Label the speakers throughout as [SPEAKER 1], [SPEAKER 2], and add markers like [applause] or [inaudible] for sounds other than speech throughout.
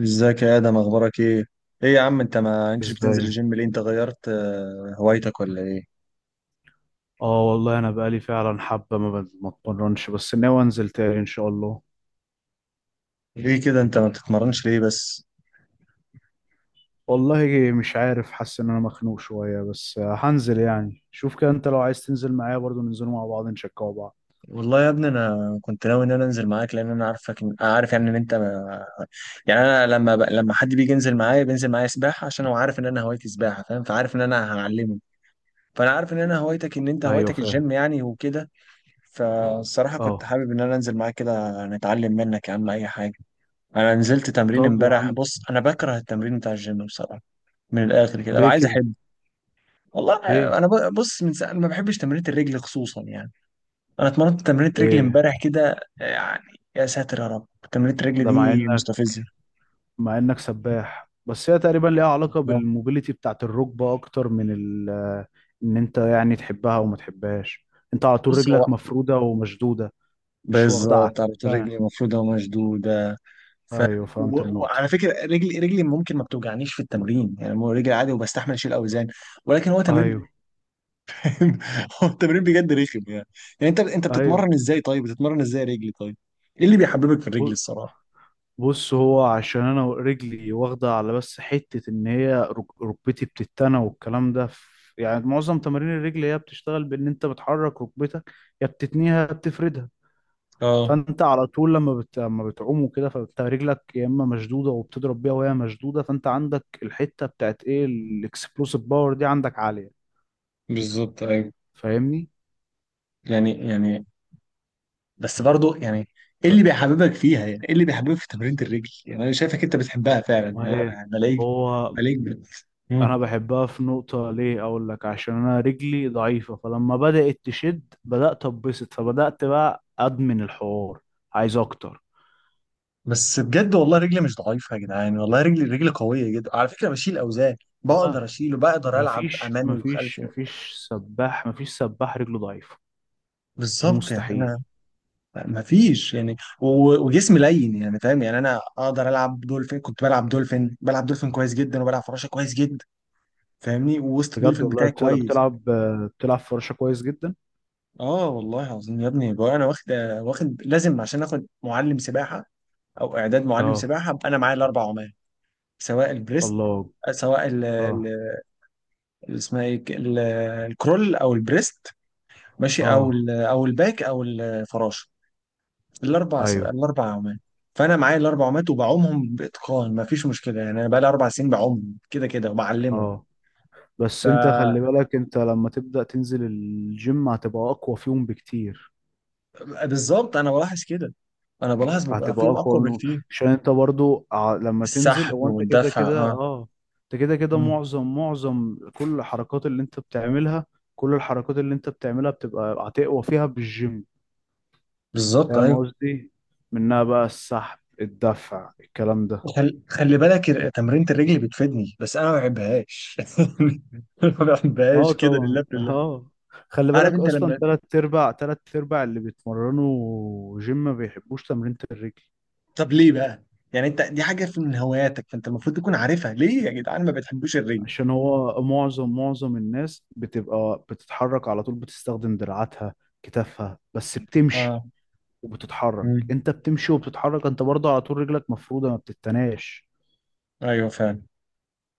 [SPEAKER 1] ازيك يا ادم، اخبارك ايه؟ ايه يا عم، انت ما انتش بتنزل
[SPEAKER 2] ازاي؟
[SPEAKER 1] الجيم ليه؟ انت غيرت هوايتك ولا ايه؟
[SPEAKER 2] اه، والله انا بقالي فعلا حبه ما اتمرنش، بس ناوي انزل تاني ان شاء الله.
[SPEAKER 1] ليه كده انت ما بتتمرنش ليه بس؟
[SPEAKER 2] والله مش عارف، حاسس ان انا مخنوق شويه، بس هنزل يعني. شوف كده، انت لو عايز تنزل معايا برضو ننزلوا مع بعض نشجعوا بعض.
[SPEAKER 1] والله يا ابني، انا كنت ناوي ان انا انزل معاك، لان انا عارفك، عارف يعني ان انت ما... يعني انا لما حد بيجي ينزل معايا بينزل معايا سباحه، عشان هو عارف ان انا هوايتي سباحه، فاهم، فعارف ان انا هعلمه. فانا عارف ان انا هوايتك ان انت
[SPEAKER 2] ايوه،
[SPEAKER 1] هوايتك
[SPEAKER 2] فاهم.
[SPEAKER 1] الجيم يعني، وكده. فالصراحه كنت
[SPEAKER 2] اه.
[SPEAKER 1] حابب ان انا انزل معاك كده نتعلم منك يا عم اي حاجه. انا نزلت تمرين
[SPEAKER 2] طب يا
[SPEAKER 1] امبارح،
[SPEAKER 2] عم.
[SPEAKER 1] بص انا بكره التمرين بتاع الجيم بصراحه. من الاخر كده
[SPEAKER 2] ليه
[SPEAKER 1] ابقى عايز
[SPEAKER 2] كده؟
[SPEAKER 1] احب. والله
[SPEAKER 2] ليه؟
[SPEAKER 1] انا بص، من ساعة ما بحبش تمرينة الرجل خصوصا يعني. انا اتمرنت تمرينة رجل
[SPEAKER 2] ليه؟
[SPEAKER 1] امبارح كده يعني. يا ساتر يا رب، تمرينة الرجل
[SPEAKER 2] ده مع
[SPEAKER 1] دي
[SPEAKER 2] انك
[SPEAKER 1] مستفزة.
[SPEAKER 2] مع انك سباح، بس هي تقريبا ليها علاقه بالموبيليتي بتاعت الركبه اكتر من ان انت يعني تحبها وما تحبهاش. انت على طول
[SPEAKER 1] بص هو
[SPEAKER 2] رجلك مفروده ومشدوده. مش واخده على.
[SPEAKER 1] بالظبط على طول رجلي مفروضة ومشدودة. ف...
[SPEAKER 2] ايوه، فهمت النقطة.
[SPEAKER 1] وعلى فكرة، رجلي ممكن ما بتوجعنيش في التمرين يعني، مو رجلي عادي وبستحمل اشيل اوزان. ولكن هو تمرين
[SPEAKER 2] ايوه،
[SPEAKER 1] [laughs] هو التمرين بجد رخم يعني. يعني انت
[SPEAKER 2] ايوه.
[SPEAKER 1] بتتمرن ازاي طيب؟ بتتمرن ازاي رجلي طيب؟ ايه اللي بيحببك في الرجل
[SPEAKER 2] ب-
[SPEAKER 1] الصراحة؟
[SPEAKER 2] بص، هو عشان انا رجلي واخدة على، بس حتة ان هي ركبتي بتتنى والكلام ده، يعني معظم تمارين الرجل هي بتشتغل بان انت بتحرك ركبتك، يا بتتنيها يا بتفردها.
[SPEAKER 1] اه
[SPEAKER 2] فانت على طول لما بتعوم وكده، فانت رجلك يا اما مشدودة وبتضرب بيها وهي مشدودة، فانت عندك الحتة بتاعت ايه، الاكسبلوسيف باور دي عندك عالية.
[SPEAKER 1] بالظبط ايوه.
[SPEAKER 2] فاهمني؟
[SPEAKER 1] يعني بس برضو يعني، ايه
[SPEAKER 2] ب-
[SPEAKER 1] اللي بيحببك فيها؟ يعني ايه اللي بيحببك في تمرينة الرجل؟ يعني انا شايفك انت بتحبها فعلا،
[SPEAKER 2] ما ايه،
[SPEAKER 1] يعني بلاقيك
[SPEAKER 2] هو
[SPEAKER 1] بلاقيك بت-
[SPEAKER 2] انا
[SPEAKER 1] مم.
[SPEAKER 2] بحبها في نقطة، ليه؟ اقول لك، عشان انا رجلي ضعيفة، فلما بدأت تشد بدأت اتبسط فبدأت بقى ادمن الحوار. عايز اكتر.
[SPEAKER 1] بس بجد والله رجلي مش ضعيفة يا جدعان. والله رجلي قوية جدا على فكرة، بشيل أوزان. بقدر
[SPEAKER 2] لا،
[SPEAKER 1] أشيله، بقدر ألعب
[SPEAKER 2] مفيش،
[SPEAKER 1] أمامي
[SPEAKER 2] مفيش،
[SPEAKER 1] وخلفي.
[SPEAKER 2] مفيش سباح، مفيش سباح رجله ضعيفة. دي
[SPEAKER 1] بالظبط يعني
[SPEAKER 2] مستحيل.
[SPEAKER 1] أنا ما فيش يعني، وجسمي لين يعني، فاهم، يعني أنا أقدر ألعب دولفين. كنت بلعب دولفين بلعب دولفين كويس جدا، وبلعب فراشة كويس جدا. فاهمني، ووسط
[SPEAKER 2] بجد
[SPEAKER 1] الدولفين
[SPEAKER 2] والله،
[SPEAKER 1] بتاعي
[SPEAKER 2] بتلعب
[SPEAKER 1] كويس.
[SPEAKER 2] بتلعب بتلعب فراشة كويس جدا.
[SPEAKER 1] اه والله العظيم يا ابني، بقى انا واخد لازم، عشان اخد معلم سباحه او اعداد معلم
[SPEAKER 2] اه،
[SPEAKER 1] سباحه، ابقى انا معايا الاربع عمال. سواء البريست،
[SPEAKER 2] الله،
[SPEAKER 1] سواء
[SPEAKER 2] اه،
[SPEAKER 1] اسمها ايه، الكرول، او البريست، ماشي، او
[SPEAKER 2] اه،
[SPEAKER 1] ال او الباك، او الفراشه. الاربع سباق،
[SPEAKER 2] ايوه،
[SPEAKER 1] الاربع عمال. فانا معايا الاربع عمال وبعومهم باتقان، مفيش مشكله يعني. انا بقى لي 4 سنين بعومهم كده كده وبعلمهم.
[SPEAKER 2] اه. بس انت خلي بالك، انت لما تبدأ تنزل الجيم هتبقى اقوى فيهم بكتير.
[SPEAKER 1] فبالظبط انا بلاحظ كده، انا بلاحظ ببقى
[SPEAKER 2] هتبقى
[SPEAKER 1] فيهم
[SPEAKER 2] اقوى
[SPEAKER 1] اقوى
[SPEAKER 2] منهم.
[SPEAKER 1] بكتير.
[SPEAKER 2] عشان انت برضو لما تنزل،
[SPEAKER 1] السحب
[SPEAKER 2] هو انت كده
[SPEAKER 1] والدفع
[SPEAKER 2] كده
[SPEAKER 1] اه،
[SPEAKER 2] اه. انت كده كده معظم كل الحركات اللي انت بتعملها بتبقى هتقوى فيها بالجيم.
[SPEAKER 1] بالظبط
[SPEAKER 2] فاهم
[SPEAKER 1] ايوه.
[SPEAKER 2] قصدي؟ منها بقى السحب، الدفع، الكلام ده.
[SPEAKER 1] خلي بالك تمرينة الرجل بتفيدني، بس انا ما بحبهاش [laughs] ما
[SPEAKER 2] اه،
[SPEAKER 1] بحبهاش كده
[SPEAKER 2] طبعا،
[SPEAKER 1] لله في الله.
[SPEAKER 2] اه. خلي
[SPEAKER 1] عارف
[SPEAKER 2] بالك
[SPEAKER 1] انت
[SPEAKER 2] اصلا،
[SPEAKER 1] لما،
[SPEAKER 2] تلات ارباع اللي بيتمرنوا جيم ما بيحبوش تمرينة الرجل.
[SPEAKER 1] طب ليه بقى؟ يعني انت دي حاجه من هواياتك، فانت المفروض تكون عارفها. ليه يا جدعان ما بتحبوش الرجل؟
[SPEAKER 2] عشان هو معظم الناس بتبقى بتتحرك على طول، بتستخدم دراعاتها، كتافها، بس بتمشي.
[SPEAKER 1] اه.
[SPEAKER 2] وبتتحرك،
[SPEAKER 1] مم.
[SPEAKER 2] انت بتمشي وبتتحرك، انت برضه على طول رجلك مفروده ما بتتناش.
[SPEAKER 1] ايوه فعلا.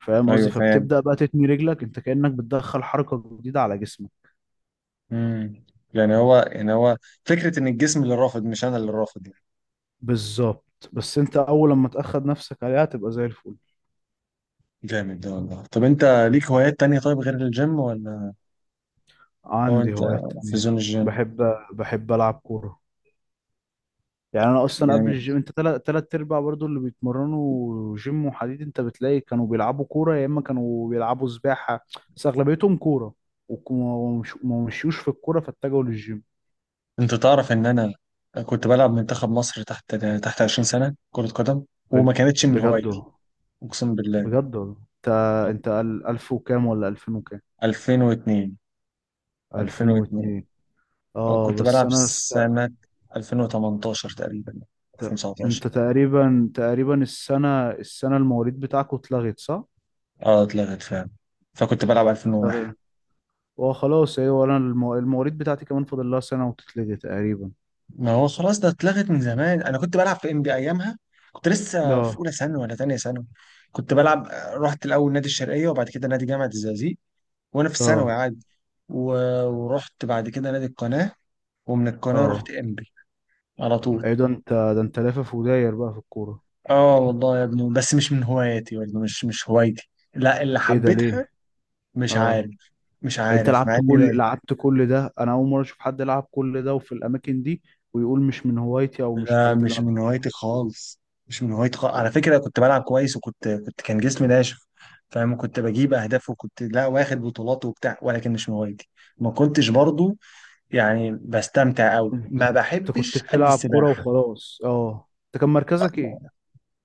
[SPEAKER 2] فاهم
[SPEAKER 1] ايوه
[SPEAKER 2] قصدي؟
[SPEAKER 1] فعلا.
[SPEAKER 2] فبتبدا بقى تتني رجلك، انت كانك بتدخل حركه جديده على جسمك.
[SPEAKER 1] مم. يعني هو فكره ان الجسم اللي رافض، مش انا اللي رافض يعني.
[SPEAKER 2] بالظبط، بس انت اول لما تاخد نفسك عليها تبقى زي الفل.
[SPEAKER 1] جامد ده والله. طب انت ليك هوايات تانية طيب غير الجيم ولا؟ هو
[SPEAKER 2] عندي
[SPEAKER 1] انت
[SPEAKER 2] هوايات
[SPEAKER 1] في
[SPEAKER 2] تانية.
[SPEAKER 1] زون الجيم
[SPEAKER 2] بحب بحب العب كوره. يعني انا اصلا قبل
[SPEAKER 1] يعني.
[SPEAKER 2] الجيم، انت تلات ارباع برضو اللي بيتمرنوا جيم وحديد انت بتلاقي كانوا بيلعبوا كوره، يا اما كانوا بيلعبوا سباحه. بس اغلبيتهم كوره. وك- ومش- وما ما مشيوش في الكوره فاتجهوا للجيم.
[SPEAKER 1] انت تعرف ان انا كنت بلعب منتخب مصر تحت 20 سنة كرة قدم، وما
[SPEAKER 2] بج-
[SPEAKER 1] كانتش من
[SPEAKER 2] بجد
[SPEAKER 1] هوايتي.
[SPEAKER 2] والله.
[SPEAKER 1] اقسم بالله.
[SPEAKER 2] بجد والله. انت انت الف وكام ولا الفين وكام؟
[SPEAKER 1] 2002،
[SPEAKER 2] الفين
[SPEAKER 1] 2002.
[SPEAKER 2] واتنين اه،
[SPEAKER 1] كنت
[SPEAKER 2] بس
[SPEAKER 1] بلعب
[SPEAKER 2] انا
[SPEAKER 1] سنة 2018 تقريبا،
[SPEAKER 2] ت-
[SPEAKER 1] 2019.
[SPEAKER 2] انت تقريبا السنه المواليد بتاعكوا اتلغت صح؟
[SPEAKER 1] اه اتلغت فعلا، فكنت بلعب 2001.
[SPEAKER 2] اتلغت. اه، خلاص، ايوه، انا المواليد بتاعتي كمان فاضل لها سنه وتتلغي تقريبا.
[SPEAKER 1] ما هو خلاص ده اتلغت من زمان، انا كنت بلعب في ام بي ايامها. كنت لسه في
[SPEAKER 2] اه،
[SPEAKER 1] اولى ثانوي ولا ثانيه ثانوي. كنت بلعب رحت الاول نادي الشرقيه وبعد كده نادي جامعه الزقازيق، وانا في الثانوي
[SPEAKER 2] اه،
[SPEAKER 1] عادي. و... ورحت بعد كده نادي القناه، ومن القناة رحت
[SPEAKER 2] اه.
[SPEAKER 1] إمبي على طول.
[SPEAKER 2] ايه ده، انت لافف وداير بقى في الكورة.
[SPEAKER 1] اه والله يا ابني، بس مش من هواياتي برضه، مش هوايتي. لا، اللي
[SPEAKER 2] ايه ده؟
[SPEAKER 1] حبيتها
[SPEAKER 2] ليه؟
[SPEAKER 1] مش
[SPEAKER 2] اه
[SPEAKER 1] عارف. مش
[SPEAKER 2] انت
[SPEAKER 1] عارف، مع
[SPEAKER 2] لعبت
[SPEAKER 1] اني
[SPEAKER 2] كل
[SPEAKER 1] باين.
[SPEAKER 2] لعبت كل ده، انا اول مرة اشوف حد لعب كل ده وفي الاماكن دي، ويقول مش من هوايتي او مش
[SPEAKER 1] لا
[SPEAKER 2] الحاجات اللي
[SPEAKER 1] مش
[SPEAKER 2] انا
[SPEAKER 1] من
[SPEAKER 2] بحبها.
[SPEAKER 1] هوايتي خالص. مش من هوايتي خالص على فكرة. كنت بلعب كويس، وكنت كان جسمي ناشف، فاهم، كنت بجيب اهداف، وكنت لا واخد بطولات وبتاع، ولكن مش من هوايتي. ما كنتش برضو يعني بستمتع قوي،
[SPEAKER 2] انت
[SPEAKER 1] ما
[SPEAKER 2] كنت
[SPEAKER 1] بحبش قد
[SPEAKER 2] بتلعب كورة
[SPEAKER 1] السباحة.
[SPEAKER 2] وخلاص. اه، انت كان مركزك ايه؟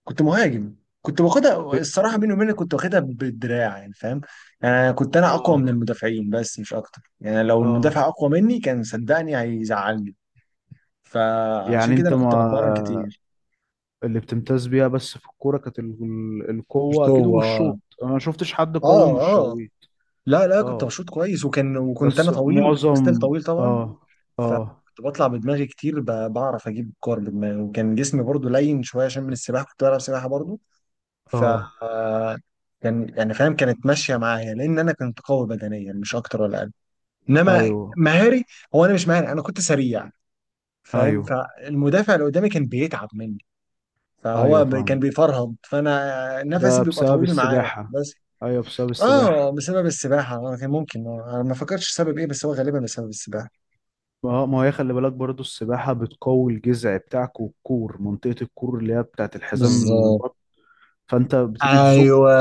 [SPEAKER 1] كنت مهاجم. كنت باخدها
[SPEAKER 2] ب...
[SPEAKER 1] الصراحه بيني وبينك، كنت واخدها بالدراع يعني فاهم. يعني كنت انا اقوى من
[SPEAKER 2] اه،
[SPEAKER 1] المدافعين، بس مش اكتر يعني. لو المدافع
[SPEAKER 2] اه،
[SPEAKER 1] اقوى مني كان صدقني هيزعلني.
[SPEAKER 2] يعني
[SPEAKER 1] فعشان كده
[SPEAKER 2] انت
[SPEAKER 1] انا كنت بتمرن
[SPEAKER 2] ما،
[SPEAKER 1] كتير.
[SPEAKER 2] اللي بتمتاز بيها بس في الكورة كانت
[SPEAKER 1] مش
[SPEAKER 2] القوة اكيد
[SPEAKER 1] قوة،
[SPEAKER 2] والشوط، انا ما شفتش حد قوي
[SPEAKER 1] اه،
[SPEAKER 2] مش
[SPEAKER 1] اه،
[SPEAKER 2] شويت.
[SPEAKER 1] لا كنت
[SPEAKER 2] اه،
[SPEAKER 1] بشوط كويس، وكان
[SPEAKER 2] بس
[SPEAKER 1] انا طويل، وستيل
[SPEAKER 2] معظم.
[SPEAKER 1] طويل طبعا.
[SPEAKER 2] اه، اه،
[SPEAKER 1] فكنت بطلع بدماغي كتير، بعرف اجيب كور بدماغي، وكان جسمي برضو لين شويه عشان من السباحه، كنت بلعب سباحه برضو. ف
[SPEAKER 2] اه،
[SPEAKER 1] كان يعني فاهم كانت ماشيه معايا، لان انا كنت قوي بدنيا، مش اكتر ولا اقل. انما
[SPEAKER 2] ايوه،
[SPEAKER 1] مهاري، هو انا مش مهاري، انا كنت سريع، فاهم.
[SPEAKER 2] ايوه،
[SPEAKER 1] فالمدافع اللي قدامي كان بيتعب مني.
[SPEAKER 2] ايوه،
[SPEAKER 1] كان
[SPEAKER 2] فاهم.
[SPEAKER 1] بيفرهد، فانا نفسي
[SPEAKER 2] ده
[SPEAKER 1] بيبقى
[SPEAKER 2] بسبب
[SPEAKER 1] طويل معاه
[SPEAKER 2] السباحة؟
[SPEAKER 1] بس.
[SPEAKER 2] ايوه، بسبب
[SPEAKER 1] اه
[SPEAKER 2] السباحة.
[SPEAKER 1] بسبب السباحه. انا كان ممكن انا ما فكرتش سبب ايه، بس هو غالبا بسبب السباحه.
[SPEAKER 2] ما هو، ما هي، خلي بالك برضو السباحة بتقوي الجذع بتاعك، والكور، منطقة الكور اللي هي بتاعت الحزام
[SPEAKER 1] بالظبط
[SPEAKER 2] البطن. فانت بتيجي تزق.
[SPEAKER 1] ايوه.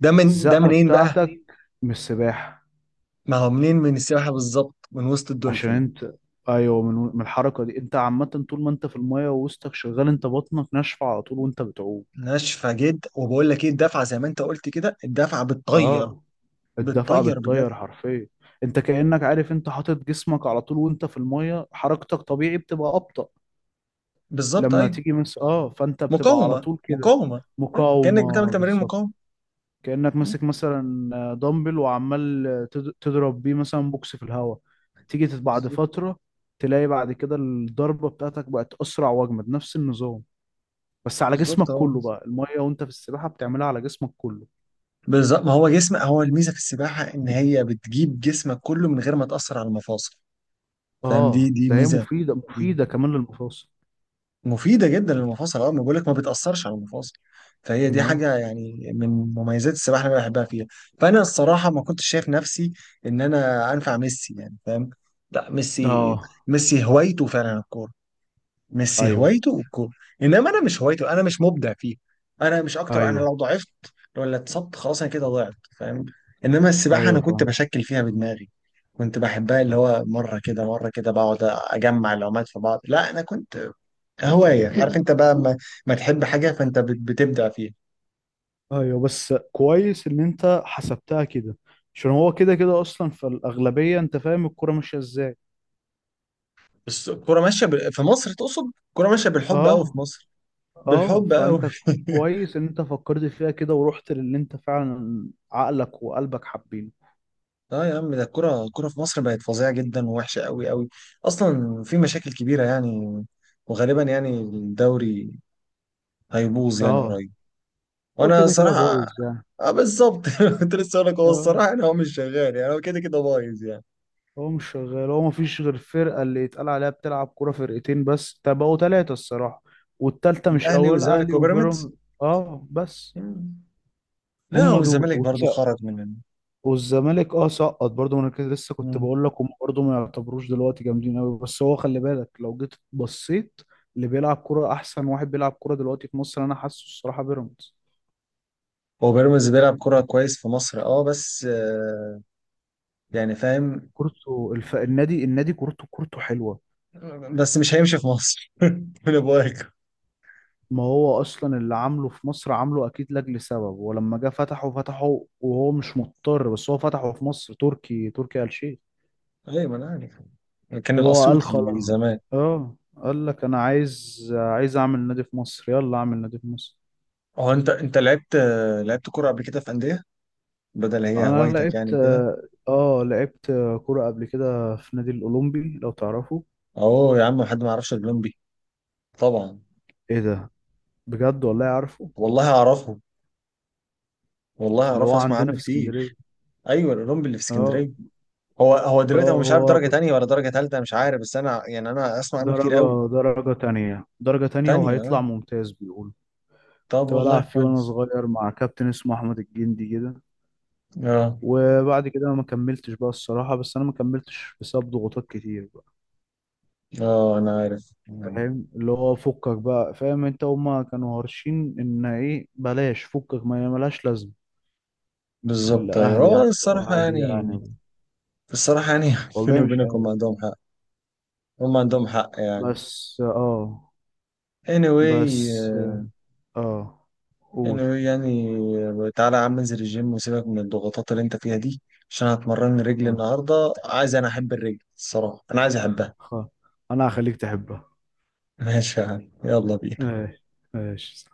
[SPEAKER 1] ده
[SPEAKER 2] الزقة
[SPEAKER 1] منين بقى؟
[SPEAKER 2] بتاعتك من السباحة.
[SPEAKER 1] ما هو منين، من السباحه بالظبط، من وسط
[SPEAKER 2] عشان
[SPEAKER 1] الدولفين.
[SPEAKER 2] انت، ايوه، من الحركة دي انت عامة. طول ما انت في المية ووسطك شغال، انت بطنك ناشفة على طول وانت بتعوم.
[SPEAKER 1] ناشفه جدا، وبقول لك ايه الدفعه زي ما انت قلت كده، الدفعه بتطير.
[SPEAKER 2] اه، الدفعة
[SPEAKER 1] بتطير بجد.
[SPEAKER 2] بتطير حرفيا. انت كأنك عارف، انت حاطط جسمك على طول وانت في المية، حركتك طبيعي بتبقى أبطأ.
[SPEAKER 1] بالظبط
[SPEAKER 2] لما
[SPEAKER 1] ايوه.
[SPEAKER 2] تيجي مس، اه، فانت بتبقى على
[SPEAKER 1] مقاومه
[SPEAKER 2] طول كده،
[SPEAKER 1] مقاومه ايوه كانك بتعمل
[SPEAKER 2] مقاومة،
[SPEAKER 1] تمارين
[SPEAKER 2] بالظبط.
[SPEAKER 1] مقاومه.
[SPEAKER 2] كأنك
[SPEAKER 1] مم.
[SPEAKER 2] ماسك مثلا دمبل، وعمال تضرب بيه مثلا بوكس في الهواء. تيجي بعد
[SPEAKER 1] بالظبط
[SPEAKER 2] فترة، تلاقي بعد كده الضربة بتاعتك بقت أسرع وأجمد، نفس النظام، بس على جسمك
[SPEAKER 1] بالظبط اهو.
[SPEAKER 2] كله بقى، المية وانت في السباحة بتعملها على جسمك كله.
[SPEAKER 1] بالظبط، ما هو جسم، هو الميزه في السباحه ان هي بتجيب جسمك كله من غير ما تاثر على المفاصل. فاهم، دي
[SPEAKER 2] اه،
[SPEAKER 1] دي
[SPEAKER 2] ده هي
[SPEAKER 1] ميزه.
[SPEAKER 2] مفيدة مفيدة كمان للمفاصل.
[SPEAKER 1] مفيدة جدا للمفاصل، اه ما بقولك ما بتأثرش على المفاصل. فهي دي
[SPEAKER 2] اه،
[SPEAKER 1] حاجة يعني من مميزات السباحة اللي أنا بحبها فيها. فأنا الصراحة ما كنتش شايف نفسي إن أنا أنفع ميسي يعني، فاهم. لا ميسي،
[SPEAKER 2] اه،
[SPEAKER 1] ميسي هوايته فعلا الكورة. ميسي
[SPEAKER 2] ايوه،
[SPEAKER 1] هوايته الكورة. إنما أنا مش هوايته، أنا مش مبدع فيه. أنا مش أكتر. أنا
[SPEAKER 2] ايوه،
[SPEAKER 1] لو ضعفت ولا اتصبت خلاص، أنا كده ضعت فاهم. إنما السباحة
[SPEAKER 2] ايوه،
[SPEAKER 1] أنا كنت
[SPEAKER 2] فاهم.
[SPEAKER 1] بشكل فيها بدماغي. كنت بحبها، اللي هو مرة كده مرة كده بقعد أجمع العومات في بعض. لا أنا كنت هواية [laughs] عارف انت بقى، ما, ما تحب حاجة فانت بتبدع فيها.
[SPEAKER 2] ايوه، بس كويس ان انت حسبتها كده. عشان هو كده كده اصلا في الاغلبيه، انت فاهم الكوره ماشيه ازاي.
[SPEAKER 1] بس الكورة ماشية في مصر، تقصد الكورة ماشية بالحب قوي في
[SPEAKER 2] اه،
[SPEAKER 1] مصر.
[SPEAKER 2] اه،
[SPEAKER 1] بالحب قوي
[SPEAKER 2] فانت
[SPEAKER 1] [laughs]
[SPEAKER 2] كويس ان انت فكرت فيها كده، ورحت للي انت فعلا عقلك وقلبك حابينه.
[SPEAKER 1] اه يا عم، ده الكورة في مصر بقت فظيعة جدا، ووحشة قوي قوي. اصلا في مشاكل كبيرة يعني. وغالبا يعني الدوري هيبوظ يعني
[SPEAKER 2] اه،
[SPEAKER 1] قريب.
[SPEAKER 2] هو
[SPEAKER 1] وانا
[SPEAKER 2] كده كده
[SPEAKER 1] صراحة
[SPEAKER 2] بايظ يعني.
[SPEAKER 1] اه بالظبط [laughs] كنت لسه هقول لك، هو
[SPEAKER 2] اه،
[SPEAKER 1] الصراحة انا، هو مش شغال يعني، هو كده كده بايظ يعني.
[SPEAKER 2] هو مش شغال، هو مفيش غير فرقه اللي يتقال عليها بتلعب كوره، فرقتين بس، تبقوا ثلاثه الصراحه. والتالتة مش
[SPEAKER 1] الاهلي
[SPEAKER 2] اول،
[SPEAKER 1] والزمالك
[SPEAKER 2] اهلي
[SPEAKER 1] وبيراميدز.
[SPEAKER 2] وبيراميدز. اه، بس.
[SPEAKER 1] مم. لا
[SPEAKER 2] هم دول.
[SPEAKER 1] والزمالك برضو خرج من.
[SPEAKER 2] والزمالك، اه سقط برضه، ما انا كده لسه كنت
[SPEAKER 1] مم.
[SPEAKER 2] بقول لك هم برضه ما يعتبروش دلوقتي جامدين قوي، بس هو خلي بالك لو جيت بصيت، اللي بيلعب كرة، احسن واحد بيلعب كرة دلوقتي في مصر انا حاسه الصراحة بيراميدز.
[SPEAKER 1] هو بيراميدز بيلعب كرة كويس في مصر اه، بس يعني فاهم.
[SPEAKER 2] كورته النادي، كورته حلوة.
[SPEAKER 1] بس مش هيمشي في مصر [laughs] من ابوك.
[SPEAKER 2] ما هو اصلا اللي عامله في مصر عامله اكيد لاجل سبب، ولما جه فتحه وهو مش مضطر، بس هو فتحه في مصر، تركي آل شيخ.
[SPEAKER 1] ايوه ما انا عارف. كان
[SPEAKER 2] هو قال خلاص.
[SPEAKER 1] الاسيوطي زمان.
[SPEAKER 2] اه قال لك انا عايز اعمل نادي في مصر، يلا اعمل نادي في مصر.
[SPEAKER 1] هو انت انت لعبت، لعبت كرة قبل كده في أندية، بدل هي
[SPEAKER 2] انا
[SPEAKER 1] هوايتك يعني كده.
[SPEAKER 2] لعبت كرة قبل كده في نادي الاولمبي لو تعرفه.
[SPEAKER 1] اهو يا عم، حد ما يعرفش الأولمبي، طبعا.
[SPEAKER 2] ايه ده؟ بجد والله عارفه.
[SPEAKER 1] والله اعرفه، والله
[SPEAKER 2] اللي هو
[SPEAKER 1] اعرفه، اسمع
[SPEAKER 2] عندنا
[SPEAKER 1] عنه
[SPEAKER 2] في
[SPEAKER 1] كتير.
[SPEAKER 2] اسكندرية.
[SPEAKER 1] ايوه الأولمبي اللي في
[SPEAKER 2] اه،
[SPEAKER 1] اسكندرية. هو دلوقتي
[SPEAKER 2] اه.
[SPEAKER 1] هو مش عارف
[SPEAKER 2] هو
[SPEAKER 1] درجة
[SPEAKER 2] كنت
[SPEAKER 1] تانية ولا درجة تالتة، مش عارف، بس انا يعني انا اسمع عنه كتير قوي.
[SPEAKER 2] درجة تانية
[SPEAKER 1] تانية
[SPEAKER 2] وهيطلع
[SPEAKER 1] اه.
[SPEAKER 2] ممتاز بيقول.
[SPEAKER 1] طب
[SPEAKER 2] كنت
[SPEAKER 1] والله
[SPEAKER 2] بلعب فيه وانا
[SPEAKER 1] كويس.
[SPEAKER 2] صغير مع كابتن اسمه احمد الجندي كده.
[SPEAKER 1] اه
[SPEAKER 2] وبعد كده ما كملتش بقى الصراحة، بس انا ما كملتش بسبب ضغوطات كتير بقى.
[SPEAKER 1] اه انا عارف.
[SPEAKER 2] فاهم، اللي هو فكك بقى، فاهم انت، هما كانوا هارشين، ان ايه بلاش، فكك ما ملهاش لازمة.
[SPEAKER 1] بالظبط
[SPEAKER 2] الأهل
[SPEAKER 1] ايوه، هو
[SPEAKER 2] يعني،
[SPEAKER 1] الصراحه
[SPEAKER 2] وأهلي
[SPEAKER 1] يعني.
[SPEAKER 2] يعني.
[SPEAKER 1] الصراحه يعني [laughs] بيني
[SPEAKER 2] والله مش
[SPEAKER 1] وبينك هم
[SPEAKER 2] عارف.
[SPEAKER 1] عندهم حق. هم عندهم حق يعني.
[SPEAKER 2] بس آه
[SPEAKER 1] anyway
[SPEAKER 2] بس آه قول.
[SPEAKER 1] anyway يعني تعالى يا عم انزل الجيم وسيبك من الضغوطات اللي انت فيها دي. عشان هتمرن رجلي
[SPEAKER 2] آه.
[SPEAKER 1] النهارده، عايز انا احب الرجل الصراحه، انا عايز احبها.
[SPEAKER 2] خ- أنا هخليك تحبها.
[SPEAKER 1] [laughs] ماشي يا عم يلا بينا.
[SPEAKER 2] ماشي. ماشي.